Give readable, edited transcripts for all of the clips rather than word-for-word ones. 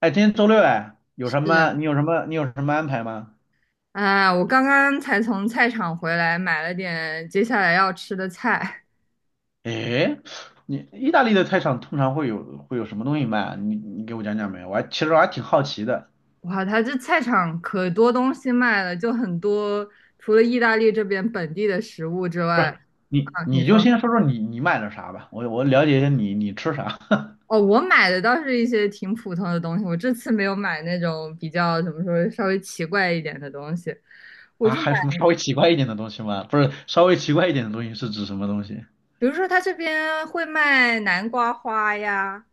哎，今天周六哎，有什是啊，么？你有什么？你有什么安排吗？啊，我刚刚才从菜场回来，买了点接下来要吃的菜。哎，你意大利的菜场通常会有什么东西卖啊？你给我讲讲呗，其实我还挺好奇的。哇，它这菜场可多东西卖了，就很多，除了意大利这边本地的食物之不是，外，啊，你你你就说，先说说你买了啥吧，我了解一下你吃啥 哦，我买的倒是一些挺普通的东西，我这次没有买那种比较怎么说稍微奇怪一点的东西，我啊？就买，还有什么稍微奇怪一点的东西吗？不是，稍微奇怪一点的东西是指什么东西？比如说它这边会卖南瓜花呀，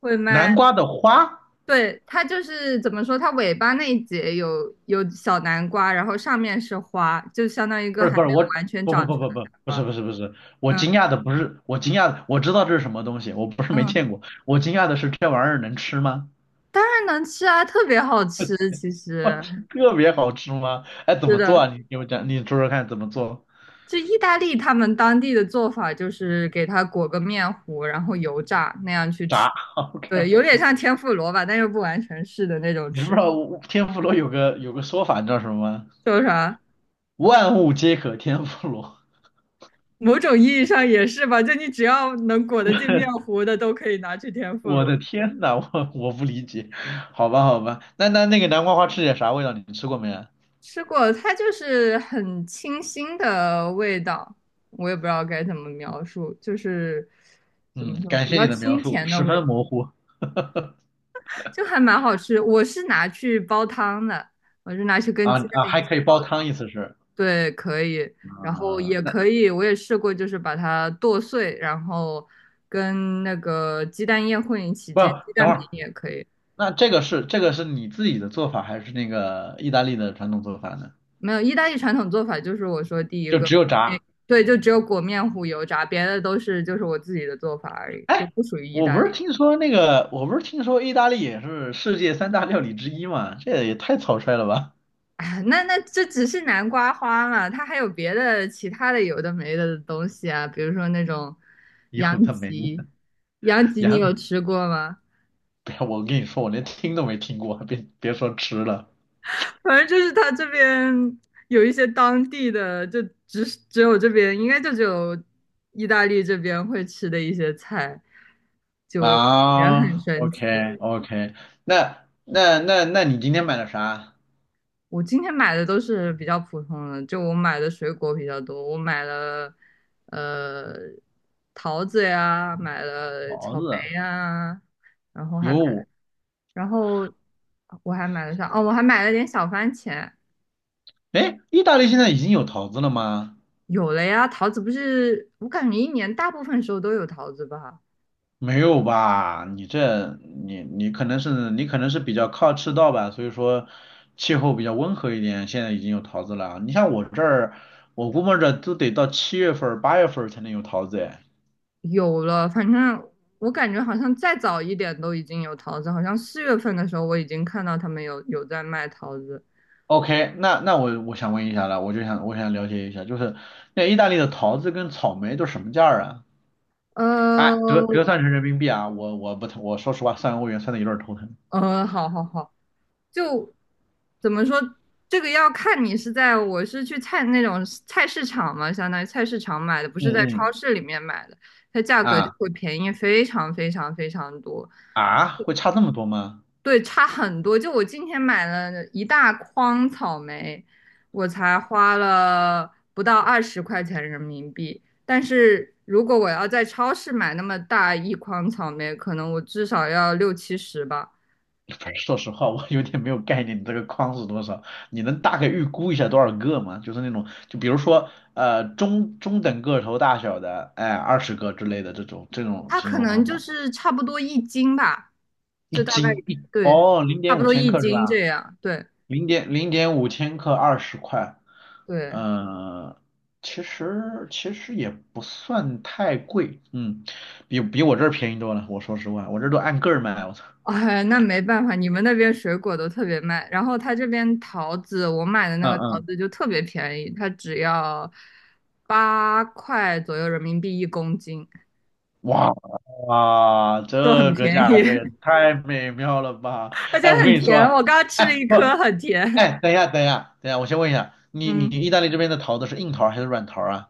会卖。南瓜的花？对，它就是怎么说，它尾巴那一节有小南瓜，然后上面是花，就相当于一不个是还不是，没有我完全不长不不成不的不南不瓜。是不是不是，嗯我惊讶的，我知道这是什么东西，我不是没嗯，见过，我惊讶的是这玩意儿能吃吗？当然能吃啊，特别好吃。其 我实天，特别好吃吗？哎，怎是么做的，啊？你给我讲，你说说看怎么做？就意大利他们当地的做法就是给它裹个面糊，然后油炸那样去吃。炸 ，OK 对，有点 OK。像天妇罗吧，但又不完全是的那种你不吃知法，道天妇罗有个说法，你知道什么吗？叫啥？万物皆可天妇罗。某种意义上也是吧，就你只要能裹得进面糊的，都可以拿去天妇我罗。的天呐，我不理解。好吧好吧，那个南瓜花吃起来啥味道？你吃过没啊？吃过，它就是很清新的味道，我也不知道该怎么描述，就是怎么嗯，说，感比谢较你的描清述，甜的十味分道，模糊。就还蛮好吃。我是拿去煲汤的，我是拿去跟啊鸡蛋啊，一还起可以煲煲汤，汤。意思是，对，可以，然后啊、也那可以，我也试过，就是把它剁碎，然后跟那个鸡蛋液混一起不，煎，鸡等蛋会饼儿，也可以。那这个是你自己的做法，还是那个意大利的传统做法呢？没有，意大利传统做法就是我说第一就个，只有炸。对，就只有裹面糊油炸，别的都是就是我自己的做法而已，就哎，不属于意大利。我不是听说意大利也是世界三大料理之一吗？这也太草率了吧！哎呀那那这只是南瓜花嘛，它还有别的其他的有的没的东西啊，比如说那种有羊的没脊，的，羊脊你有羊，吃过吗？不要，我跟你说，我连听都没听过，别说吃了。反正就是它这边有一些当地的，就只有这边，应该就只有意大利这边会吃的一些菜，就也很啊。神奇。OK OK，那你今天买了啥？我今天买的都是比较普通的，就我买的水果比较多，我买了呃桃子呀，买了桃草子莓啊。呀，然后还买，有，然后我还买了啥？哦，我还买了点小番茄。哎，意大利现在已经有桃子了吗？有了呀，桃子不是，我感觉一年大部分时候都有桃子吧。没有吧？你可能是比较靠赤道吧，所以说气候比较温和一点。现在已经有桃子了。你像我这儿，我估摸着都得到7月份儿、8月份儿才能有桃子哎。有了，反正我感觉好像再早一点都已经有桃子，好像4月份的时候我已经看到他们有在卖桃子。OK，那我想问一下了，我想了解一下，就是那意大利的桃子跟草莓都什么价儿啊？哎，折折呃，算成人民币啊，我我不我说实话，算欧元算的有点儿头疼。好好好，就怎么说，这个要看你是在我是去菜那种菜市场嘛，相当于菜市场买的，不嗯是在超嗯。市里面买的，它价格就啊会便宜非常非常非常多，啊，会差这么多吗？对，差很多。就我今天买了一大筐草莓，我才花了不到20块钱人民币，但是如果我要在超市买那么大一筐草莓，可能我至少要六七十吧。说实话，我有点没有概念，你这个框是多少？你能大概预估一下多少个吗？就是那种，就比如说，中等个头大小的，哎，20个之类的这种它形可容方能就法。是差不多一斤吧，一就大概斤一对，哦，零差点不五多千一克是斤吧？这样。对零点五千克，20块，对，呃，其实也不算太贵，嗯，比我这儿便宜多了。我说实话，我这儿都按个儿卖，我操。哎，那没办法，你们那边水果都特别卖，然后它这边桃子，我买的那嗯个桃嗯。子就特别便宜，它只要8块左右人民币一公斤，哇哇，啊就很这个便价宜，格也太美妙了吧！而且哎，我很跟你说甜。啊。我刚刚吃了哎一不，颗，很甜。哎，等一下，等一下，等一下，我先问一下，你嗯，意大利这边的桃子是硬桃还是软桃啊？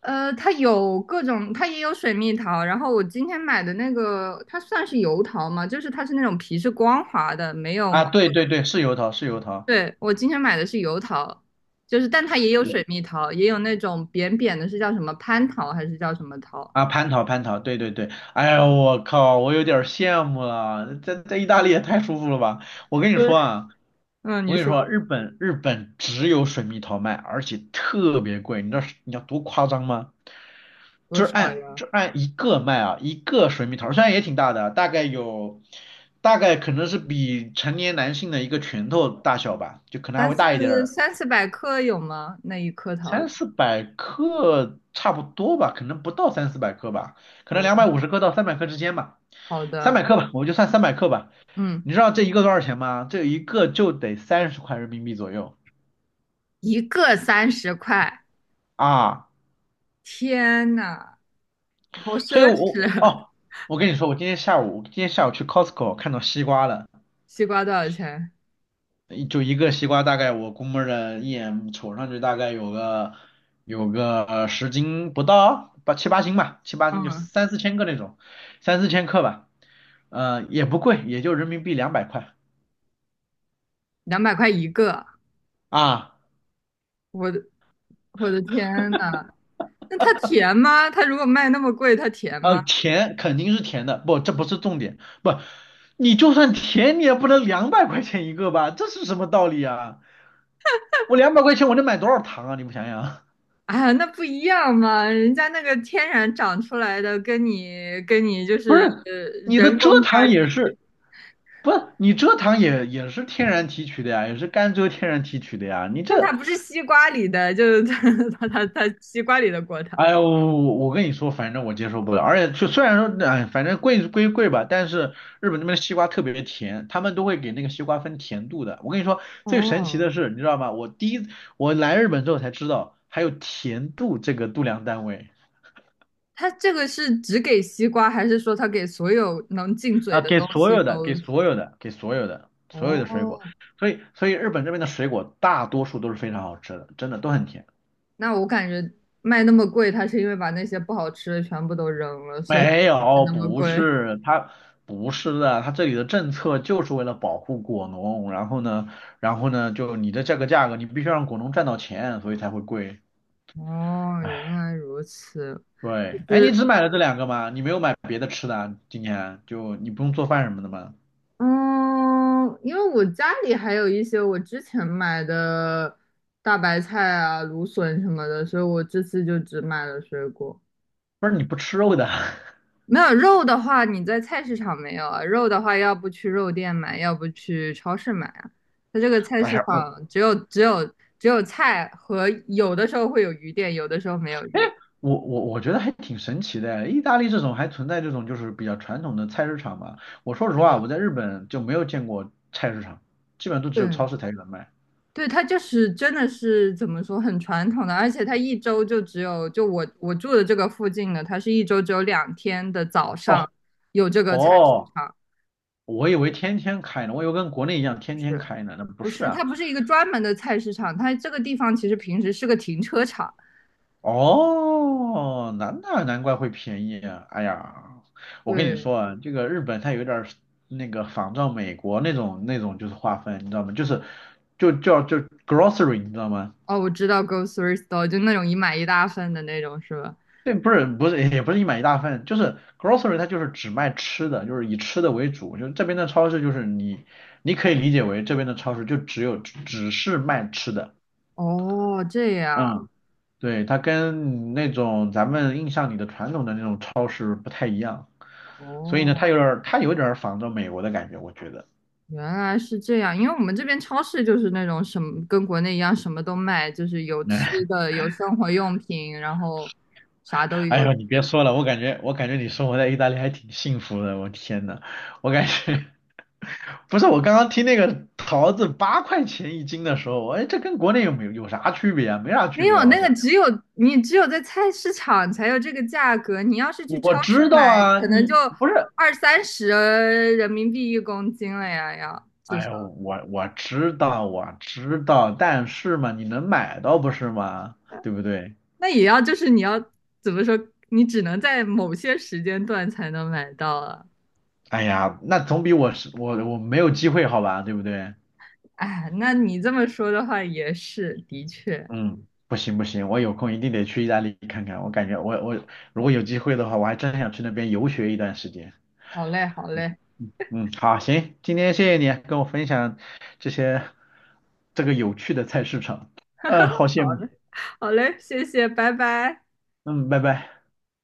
它有各种，它也有水蜜桃。然后我今天买的那个，它算是油桃吗？就是它是那种皮是光滑的，没有啊，毛。对对对，是油桃，是油桃。对，我今天买的是油桃，就是但它也有我水蜜桃，也有那种扁扁的，是叫什么蟠桃还是叫什么桃？啊，蟠桃，蟠桃，对对对。哎呀，我靠，我有点儿羡慕了，在意大利也太舒服了吧！我跟你嗯，说啊，嗯，我你跟你说说日本只有水蜜桃卖，而且特别贵，你知道是你要多夸张吗？多就是少按呀？就按一个卖啊，一个水蜜桃，虽然也挺大的，大概可能是比成年男性的一个拳头大小吧，就可能还三会大一点四儿，三四百克有吗？那一颗桃三子？四百克差不多吧，可能不到三四百克吧，可能两百哦，五十克到三百克之间吧，好三百的，克吧，我就算三百克吧。嗯，你知道这一个多少钱吗？这一个就得30块人民币左右。一个30块，啊，天呐，好所以奢我侈啊！哦，我跟你说，我今天下午去 Costco 看到西瓜了。西瓜多少钱？就一个西瓜，大概我估摸着一眼瞅上去大概有个10斤不到，七八斤吧，七八斤就嗯。三四千个那种，三四千克吧，也不贵，也就人民币两百块200块一个，啊。我的我的天呐，那它甜吗？它如果卖那么贵，它甜吗？甜肯定是甜的，不，这不是重点，不，你就算甜，你也不能两百块钱一个吧，这是什么道理啊？我两百块钱我能买多少糖啊？你们想想，哎呀，那不一样嘛，人家那个天然长出来的，跟你就 不是是，你的人蔗工加糖进也去是。不，你蔗糖也是天然提取的呀，也是甘蔗天然提取的呀。但它不是西瓜里的，就是它 它西瓜里的果糖。哎呦，我跟你说，反正我接受不了。而且就虽然说，哎，反正贵归贵吧，但是日本那边的西瓜特别甜，他们都会给那个西瓜分甜度的。我跟你说，最神奇哦，的是，你知道吗？我第一我来日本之后才知道，还有甜度这个度量单位。它这个是只给西瓜，还是说它给所有能进嘴啊，的给东所西有都？的，给所有的，给所有的，所有的水果。哦，所以日本这边的水果大多数都是非常好吃的，真的都很甜。那我感觉卖那么贵，它是因为把那些不好吃的全部都扔了，所以没才有，那么不贵。是，它不是的，它这里的政策就是为了保护果农，然后呢，就你的这个价格，你必须让果农赚到钱，所以才会贵。哦，原哎来如此。就对，哎，你是只买了这两个吗？你没有买别的吃的啊？今年就你不用做饭什么的吗？嗯，因为我家里还有一些我之前买的大白菜啊、芦笋什么的，所以我这次就只买了水果。不是，你不吃肉的？没有肉的话，你在菜市场没有啊？肉的话，要不去肉店买，要不去超市买啊。它这个 菜哎市呀，场只有菜和有的时候会有鱼店，有的时候没有哎，鱼我觉得还挺神奇的，意大利这种还存在这种就是比较传统的菜市场嘛。我说实是话，的。我在日本就没有见过菜市场，基本上都只对有超市才有人卖。对，它就是真的是怎么说，很传统的，而且它一周就只有就我住的这个附近的，它是一周只有2天的早上哦。有这个菜市哦，场，我以为天天开呢，我以为跟国内一样天天是开呢，那不不是是？它啊。不是一个专门的菜市场，它这个地方其实平时是个停车场。哦，难怪会便宜啊。哎呀，我跟你对，说啊，这个日本它有点儿那个仿照美国那种就是划分，你知道吗？就叫 grocery，你知道吗？哦，我知道 grocery store 就那种一买一大份的那种，是吧？对，不是，不是，也不是一买一大份，就是 grocery 它就是只卖吃的，就是以吃的为主。就这边的超市就是你可以理解为这边的超市就只有只是卖吃的。哦，这样，嗯。对，它跟那种咱们印象里的传统的那种超市不太一样，所以呢，它哦，有点儿它有点儿仿照美国的感觉，我觉得。原来是这样。因为我们这边超市就是那种什么跟国内一样，什么都卖，就是有吃那，的，有生活用品，然后啥都 有。哎呦，你别说了，我感觉你生活在意大利还挺幸福的，我天呐，我感觉 不是，我刚刚听那个桃子8块钱一斤的时候，哎，这跟国内有啥区别啊？没啥区没别有吧，好那个，像。只有你只有在菜市场才有这个价格。你要是去超我市知道买，啊，可能就你不是，二三十人民币一公斤了呀，要。至哎少。呦，我知道，但是嘛，你能买到不是吗？对不对？那也要就是你要怎么说，你只能在某些时间段才能买到啊。哎呀，那总比我是我我没有机会好吧，对不对？哎，那你这么说的话也是，的确，嗯，不行不行，我有空一定得去意大利看看。我感觉如果有机会的话，我还真想去那边游学一段时间。好嘞，好嘞，嗯，好，行，今天谢谢你跟我分享这些这个有趣的菜市场。嗯、好羡好慕。嘞，好嘞，谢谢，拜拜。嗯，拜拜。